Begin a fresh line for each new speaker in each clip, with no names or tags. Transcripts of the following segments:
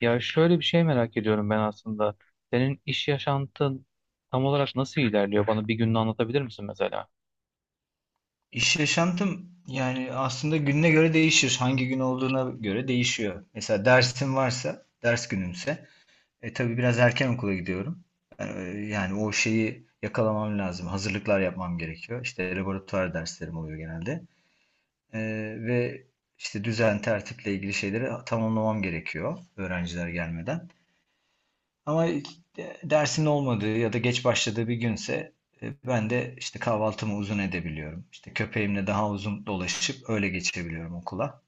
Ya şöyle bir şey merak ediyorum ben aslında. Senin iş yaşantın tam olarak nasıl ilerliyor? Bana bir gününü anlatabilir misin mesela?
İş yaşantım yani aslında gününe göre değişir. Hangi gün olduğuna göre değişiyor. Mesela dersim varsa, ders günümse, tabii biraz erken okula gidiyorum. E, Yani o şeyi yakalamam lazım. Hazırlıklar yapmam gerekiyor. İşte laboratuvar derslerim oluyor genelde. E, ve işte düzen, tertiple ilgili şeyleri tamamlamam gerekiyor öğrenciler gelmeden. Ama dersin olmadığı ya da geç başladığı bir günse ben de işte kahvaltımı uzun edebiliyorum. İşte köpeğimle daha uzun dolaşıp öyle geçebiliyorum okula.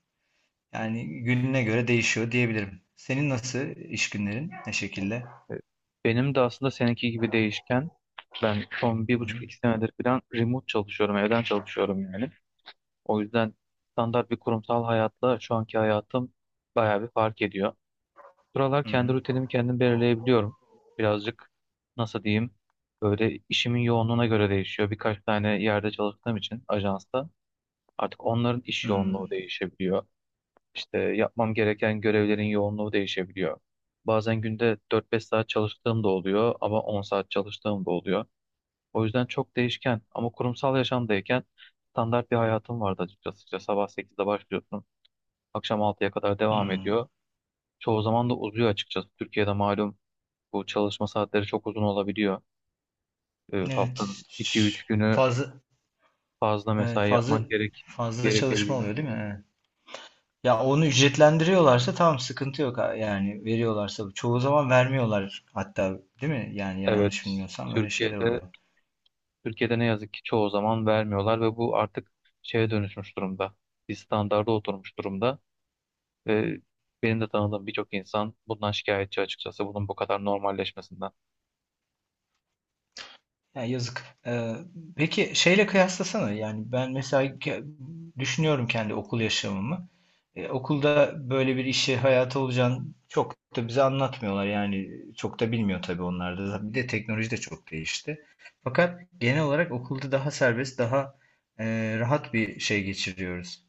Yani gününe göre değişiyor diyebilirim. Senin nasıl iş günlerin? Ne şekilde?
E, Benim de aslında seninki gibi değişken. Ben son bir
Hı
buçuk
hı.
iki senedir falan remote çalışıyorum, evden çalışıyorum yani. O yüzden standart bir kurumsal hayatla şu anki hayatım bayağı bir fark ediyor. Buralar
Hı
kendi
hı.
rutinimi kendim belirleyebiliyorum. Birazcık, nasıl diyeyim, böyle işimin yoğunluğuna göre değişiyor. Birkaç tane yerde çalıştığım için ajansta. Artık onların iş
Hı
yoğunluğu değişebiliyor. İşte yapmam gereken görevlerin yoğunluğu değişebiliyor. Bazen günde 4-5 saat çalıştığım da oluyor ama 10 saat çalıştığım da oluyor. O yüzden çok değişken ama kurumsal yaşamdayken standart bir hayatım vardı açıkçası. İşte sabah 8'de başlıyorsun, akşam 6'ya kadar devam
hı.
ediyor. Çoğu zaman da uzuyor açıkçası. Türkiye'de malum bu çalışma saatleri çok uzun olabiliyor.
Evet.
Haftanın 2-3 günü
Fazla
fazla
evet,
mesai
fazla
yapman
fazla çalışma
gerekebiliyor.
oluyor değil mi? Evet. Ya onu ücretlendiriyorlarsa tamam sıkıntı yok yani veriyorlarsa çoğu zaman vermiyorlar hatta değil mi? Yani yanlış
Evet,
bilmiyorsam öyle şeyler
Türkiye'de
oluyor.
Türkiye'de ne yazık ki çoğu zaman vermiyorlar ve bu artık şeye dönüşmüş durumda. Bir standarda oturmuş durumda ve benim de tanıdığım birçok insan bundan şikayetçi açıkçası bunun bu kadar normalleşmesinden.
Ya yazık. Peki şeyle kıyaslasana yani ben mesela düşünüyorum kendi okul yaşamımı. Okulda böyle bir işi hayata olacağını çok da bize anlatmıyorlar yani çok da bilmiyor tabii onlar da. Bir de teknoloji de çok değişti. Fakat genel olarak okulda daha serbest daha rahat bir şey geçiriyoruz.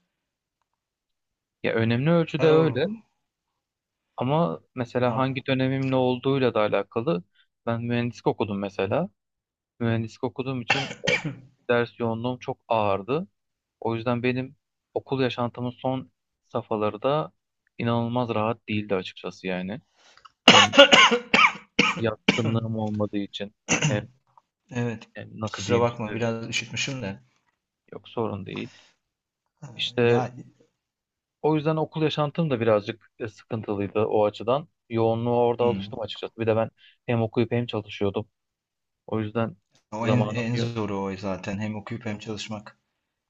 Ya önemli ölçüde öyle ama mesela
Oh.
hangi dönemin ne olduğuyla da alakalı. Ben mühendislik okudum mesela. Mühendislik okuduğum için ders yoğunluğum çok ağırdı. O yüzden benim okul yaşantımın son safhaları da inanılmaz rahat değildi açıkçası yani. Hem
Hı.
yatkınlığım olmadığı için, hem,
Evet.
hem nasıl
Kusura
diyeyim işte,
bakma biraz üşütmüşüm de.
yok sorun değil.
Ee,
İşte
Ya.
o yüzden okul yaşantım da birazcık sıkıntılıydı o açıdan. Yoğunluğa orada
Hı.
alıştım açıkçası. Bir de ben hem okuyup hem çalışıyordum. O yüzden
O en,
zamanım
en
yok.
zoru o zaten. Hem okuyup hem çalışmak.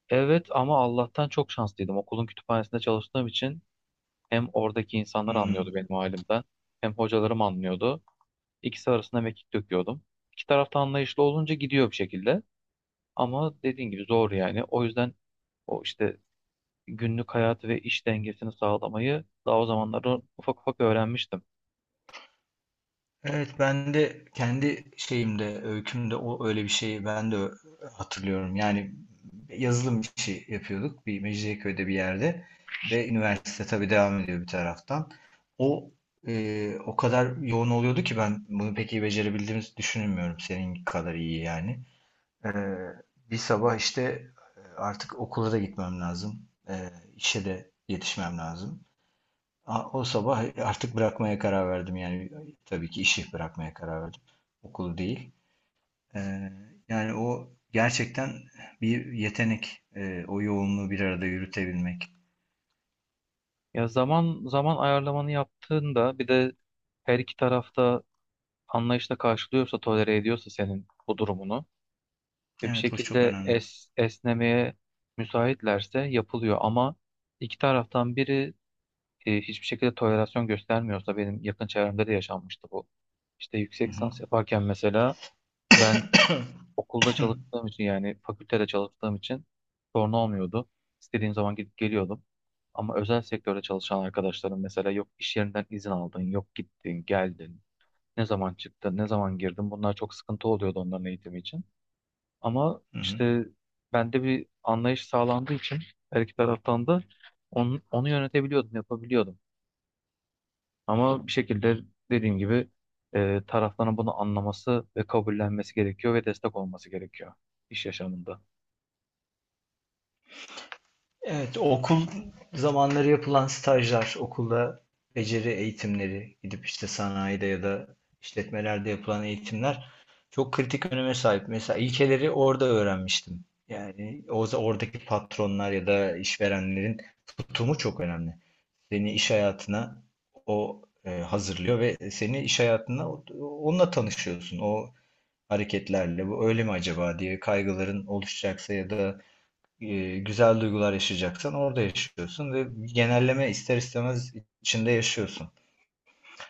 Evet ama Allah'tan çok şanslıydım. Okulun kütüphanesinde çalıştığım için hem oradaki insanlar
Hı.
anlıyordu benim halimden, hem hocalarım anlıyordu. İkisi arasında mekik döküyordum. İki tarafta anlayışlı olunca gidiyor bir şekilde. Ama dediğin gibi zor yani. O yüzden o işte günlük hayatı ve iş dengesini sağlamayı daha o zamanlarda ufak ufak öğrenmiştim.
Evet ben de kendi şeyimde, öykümde o öyle bir şeyi ben de hatırlıyorum. Yani yazılım işi yapıyorduk bir Mecidiyeköy'de bir yerde ve üniversite tabii devam ediyor bir taraftan. O o kadar yoğun oluyordu ki ben bunu pek iyi becerebildiğimizi düşünmüyorum senin kadar iyi yani. Ee, bir sabah işte artık okula da gitmem lazım. İşe de yetişmem lazım. O sabah artık bırakmaya karar verdim. Yani tabii ki işi bırakmaya karar verdim. Okulu değil. Ee, yani o gerçekten bir yetenek. O yoğunluğu bir arada yürütebilmek.
Ya zaman zaman ayarlamanı yaptığında bir de her iki tarafta anlayışla karşılıyorsa, tolere ediyorsa senin bu durumunu ve bir
Evet, o çok
şekilde
önemli.
esnemeye müsaitlerse yapılıyor ama iki taraftan biri hiçbir şekilde tolerasyon göstermiyorsa benim yakın çevremde de yaşanmıştı bu. İşte
Hı
yüksek
hı.
lisans yaparken mesela ben okulda çalıştığım için, yani fakültede çalıştığım için sorun olmuyordu. İstediğim zaman gidip geliyordum. Ama özel sektörde çalışan arkadaşlarım mesela, yok iş yerinden izin aldın, yok gittin, geldin, ne zaman çıktın, ne zaman girdin. Bunlar çok sıkıntı oluyordu onların eğitimi için. Ama
Hı hı.
işte bende bir anlayış sağlandığı için her iki taraftan da onu yönetebiliyordum, yapabiliyordum. Ama bir şekilde dediğim gibi tarafların bunu anlaması ve kabullenmesi gerekiyor ve destek olması gerekiyor iş yaşamında.
Evet, okul zamanları yapılan stajlar, okulda beceri eğitimleri, gidip işte sanayide ya da işletmelerde yapılan eğitimler çok kritik öneme sahip. Mesela ilkeleri orada öğrenmiştim. Yani o oradaki patronlar ya da işverenlerin tutumu çok önemli. Seni iş hayatına hazırlıyor ve seni iş hayatına onunla tanışıyorsun. O hareketlerle bu öyle mi acaba diye kaygıların oluşacaksa ya da güzel duygular yaşayacaksan orada yaşıyorsun ve genelleme ister istemez içinde yaşıyorsun.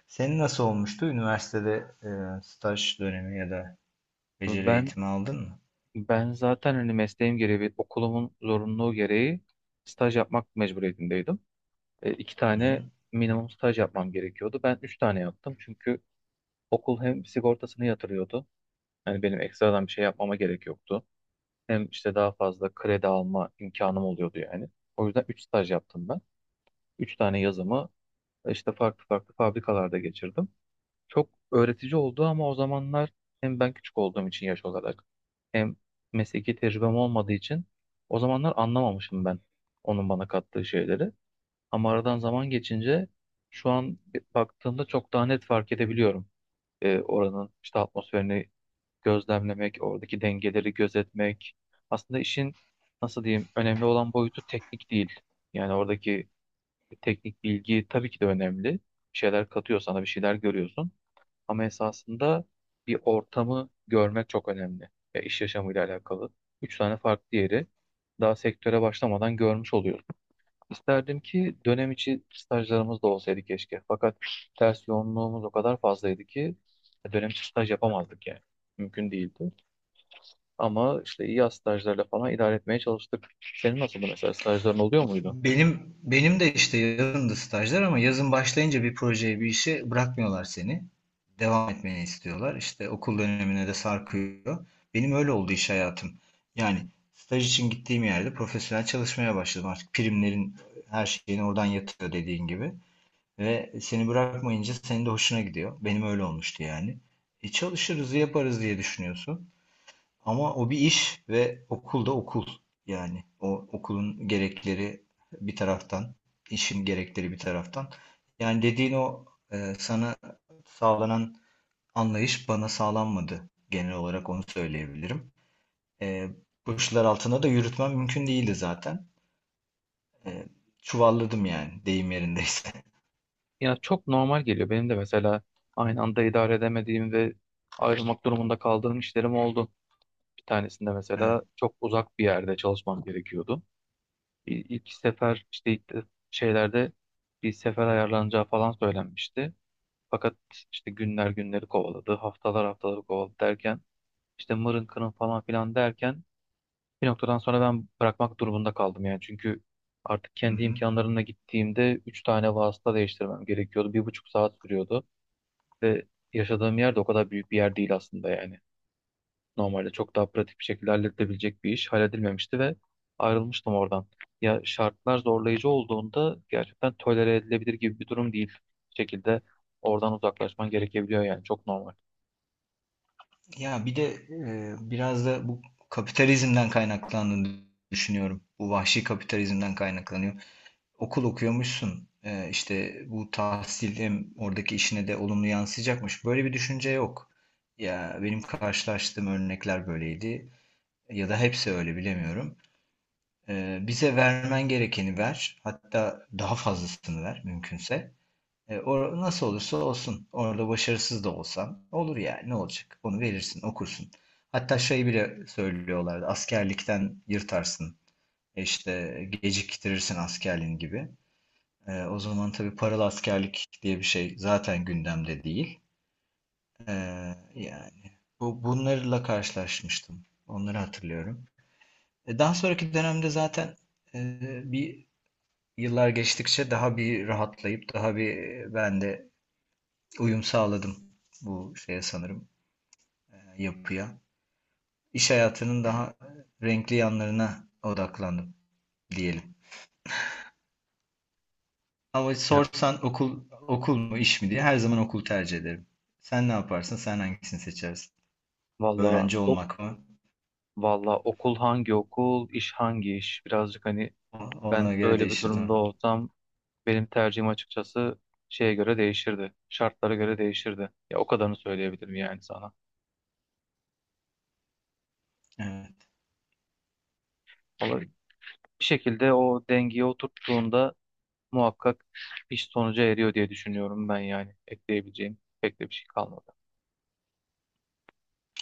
Senin nasıl olmuştu? Üniversitede e, staj dönemi ya da beceri
Ben
eğitimi aldın mı?
ben zaten hani mesleğim gereği ve okulumun zorunluluğu gereği staj yapmak mecburiyetindeydim. İki
Hı-hı.
tane minimum staj yapmam gerekiyordu. Ben üç tane yaptım çünkü okul hem sigortasını yatırıyordu. Yani benim ekstradan bir şey yapmama gerek yoktu. Hem işte daha fazla kredi alma imkanım oluyordu yani. O yüzden üç staj yaptım ben. Üç tane yazımı işte farklı farklı fabrikalarda geçirdim. Çok öğretici oldu ama o zamanlar hem ben küçük olduğum için yaş olarak, hem mesleki tecrübem olmadığı için o zamanlar anlamamışım ben onun bana kattığı şeyleri. Ama aradan zaman geçince şu an baktığımda çok daha net fark edebiliyorum. Oranın işte atmosferini gözlemlemek, oradaki dengeleri gözetmek. Aslında işin, nasıl diyeyim, önemli olan boyutu teknik değil. Yani oradaki teknik bilgi tabii ki de önemli. Bir şeyler katıyor sana, bir şeyler görüyorsun. Ama esasında bir ortamı görmek çok önemli. Ya, iş yaşamıyla alakalı. Üç tane farklı yeri daha sektöre başlamadan görmüş oluyoruz. İsterdim ki dönem içi stajlarımız da olsaydı keşke. Fakat ders yoğunluğumuz o kadar fazlaydı ki dönem içi staj yapamazdık yani. Mümkün değildi. Ama işte yaz stajlarla falan idare etmeye çalıştık. Senin nasıldı mesela, stajların oluyor muydu?
Benim de işte yazındı stajlar ama yazın başlayınca bir projeye bir işe bırakmıyorlar seni. Devam etmeni istiyorlar. İşte okul dönemine de sarkıyor. Benim öyle oldu iş hayatım. Yani staj için gittiğim yerde profesyonel çalışmaya başladım. Artık primlerin her şeyini oradan yatıyor dediğin gibi. Ve seni bırakmayınca senin de hoşuna gidiyor. Benim öyle olmuştu yani. Çalışırız, yaparız diye düşünüyorsun. Ama o bir iş ve okul da okul. Yani o okulun gerekleri bir taraftan, işin gerekleri bir taraftan. Yani dediğin o sana sağlanan anlayış bana sağlanmadı. Genel olarak onu söyleyebilirim. E, bu işler altında da yürütmem mümkün değildi zaten. E, Çuvalladım yani deyim yerindeyse.
Ya çok normal geliyor. Benim de mesela aynı anda idare edemediğim ve ayrılmak durumunda kaldığım işlerim oldu. Bir tanesinde
Evet.
mesela çok uzak bir yerde çalışmam gerekiyordu. İlk sefer işte şeylerde bir sefer ayarlanacağı falan söylenmişti. Fakat işte günler günleri kovaladı, haftalar haftaları kovaladı derken, işte mırın kırın falan filan derken, bir noktadan sonra ben bırakmak durumunda kaldım yani. Çünkü artık
Hı
kendi
hı.
imkanlarımla gittiğimde 3 tane vasıta değiştirmem gerekiyordu. 1,5 saat sürüyordu ve yaşadığım yer de o kadar büyük bir yer değil aslında yani. Normalde çok daha pratik bir şekilde halledilebilecek bir iş halledilmemişti ve ayrılmıştım oradan. Ya, şartlar zorlayıcı olduğunda gerçekten tolere edilebilir gibi bir durum değil. Bir şekilde oradan uzaklaşman gerekebiliyor yani, çok normal.
Ya bir de biraz da bu kapitalizmden kaynaklandığını düşünüyorum. Bu vahşi kapitalizmden kaynaklanıyor. Okul okuyormuşsun. İşte bu tahsil hem oradaki işine de olumlu yansıyacakmış. Böyle bir düşünce yok. Ya benim karşılaştığım örnekler böyleydi. Ya da hepsi öyle bilemiyorum. Bize vermen gerekeni ver. Hatta daha fazlasını ver mümkünse. E, or Nasıl olursa olsun. Orada başarısız da olsan olur yani. Ne olacak? Onu verirsin, okursun. Hatta şey bile söylüyorlardı. Askerlikten yırtarsın. İşte geciktirirsin askerliğin gibi. O zaman tabii paralı askerlik diye bir şey zaten gündemde değil. E, yani bunlarla karşılaşmıştım. Onları hatırlıyorum. Daha sonraki dönemde zaten bir yıllar geçtikçe daha bir rahatlayıp daha bir ben de uyum sağladım bu şeye sanırım yapıya. İş hayatının daha renkli yanlarına odaklandım diyelim. Ama
Ya.
sorsan okul okul mu iş mi diye her zaman okul tercih ederim. Sen ne yaparsın? Sen hangisini seçersin?
Valla
Öğrenci
o-
olmak mı?
Valla okul hangi okul, iş hangi iş? Birazcık, hani, ben
Ona göre
öyle bir
değişir, değil
durumda
mi?
olsam benim tercihim açıkçası şeye göre değişirdi. Şartlara göre değişirdi. Ya, o kadarını söyleyebilirim yani sana.
Evet.
Ama bir şekilde o dengeye oturttuğunda muhakkak iş sonuca eriyor diye düşünüyorum ben yani. Ekleyebileceğim pek de bir şey kalmadı.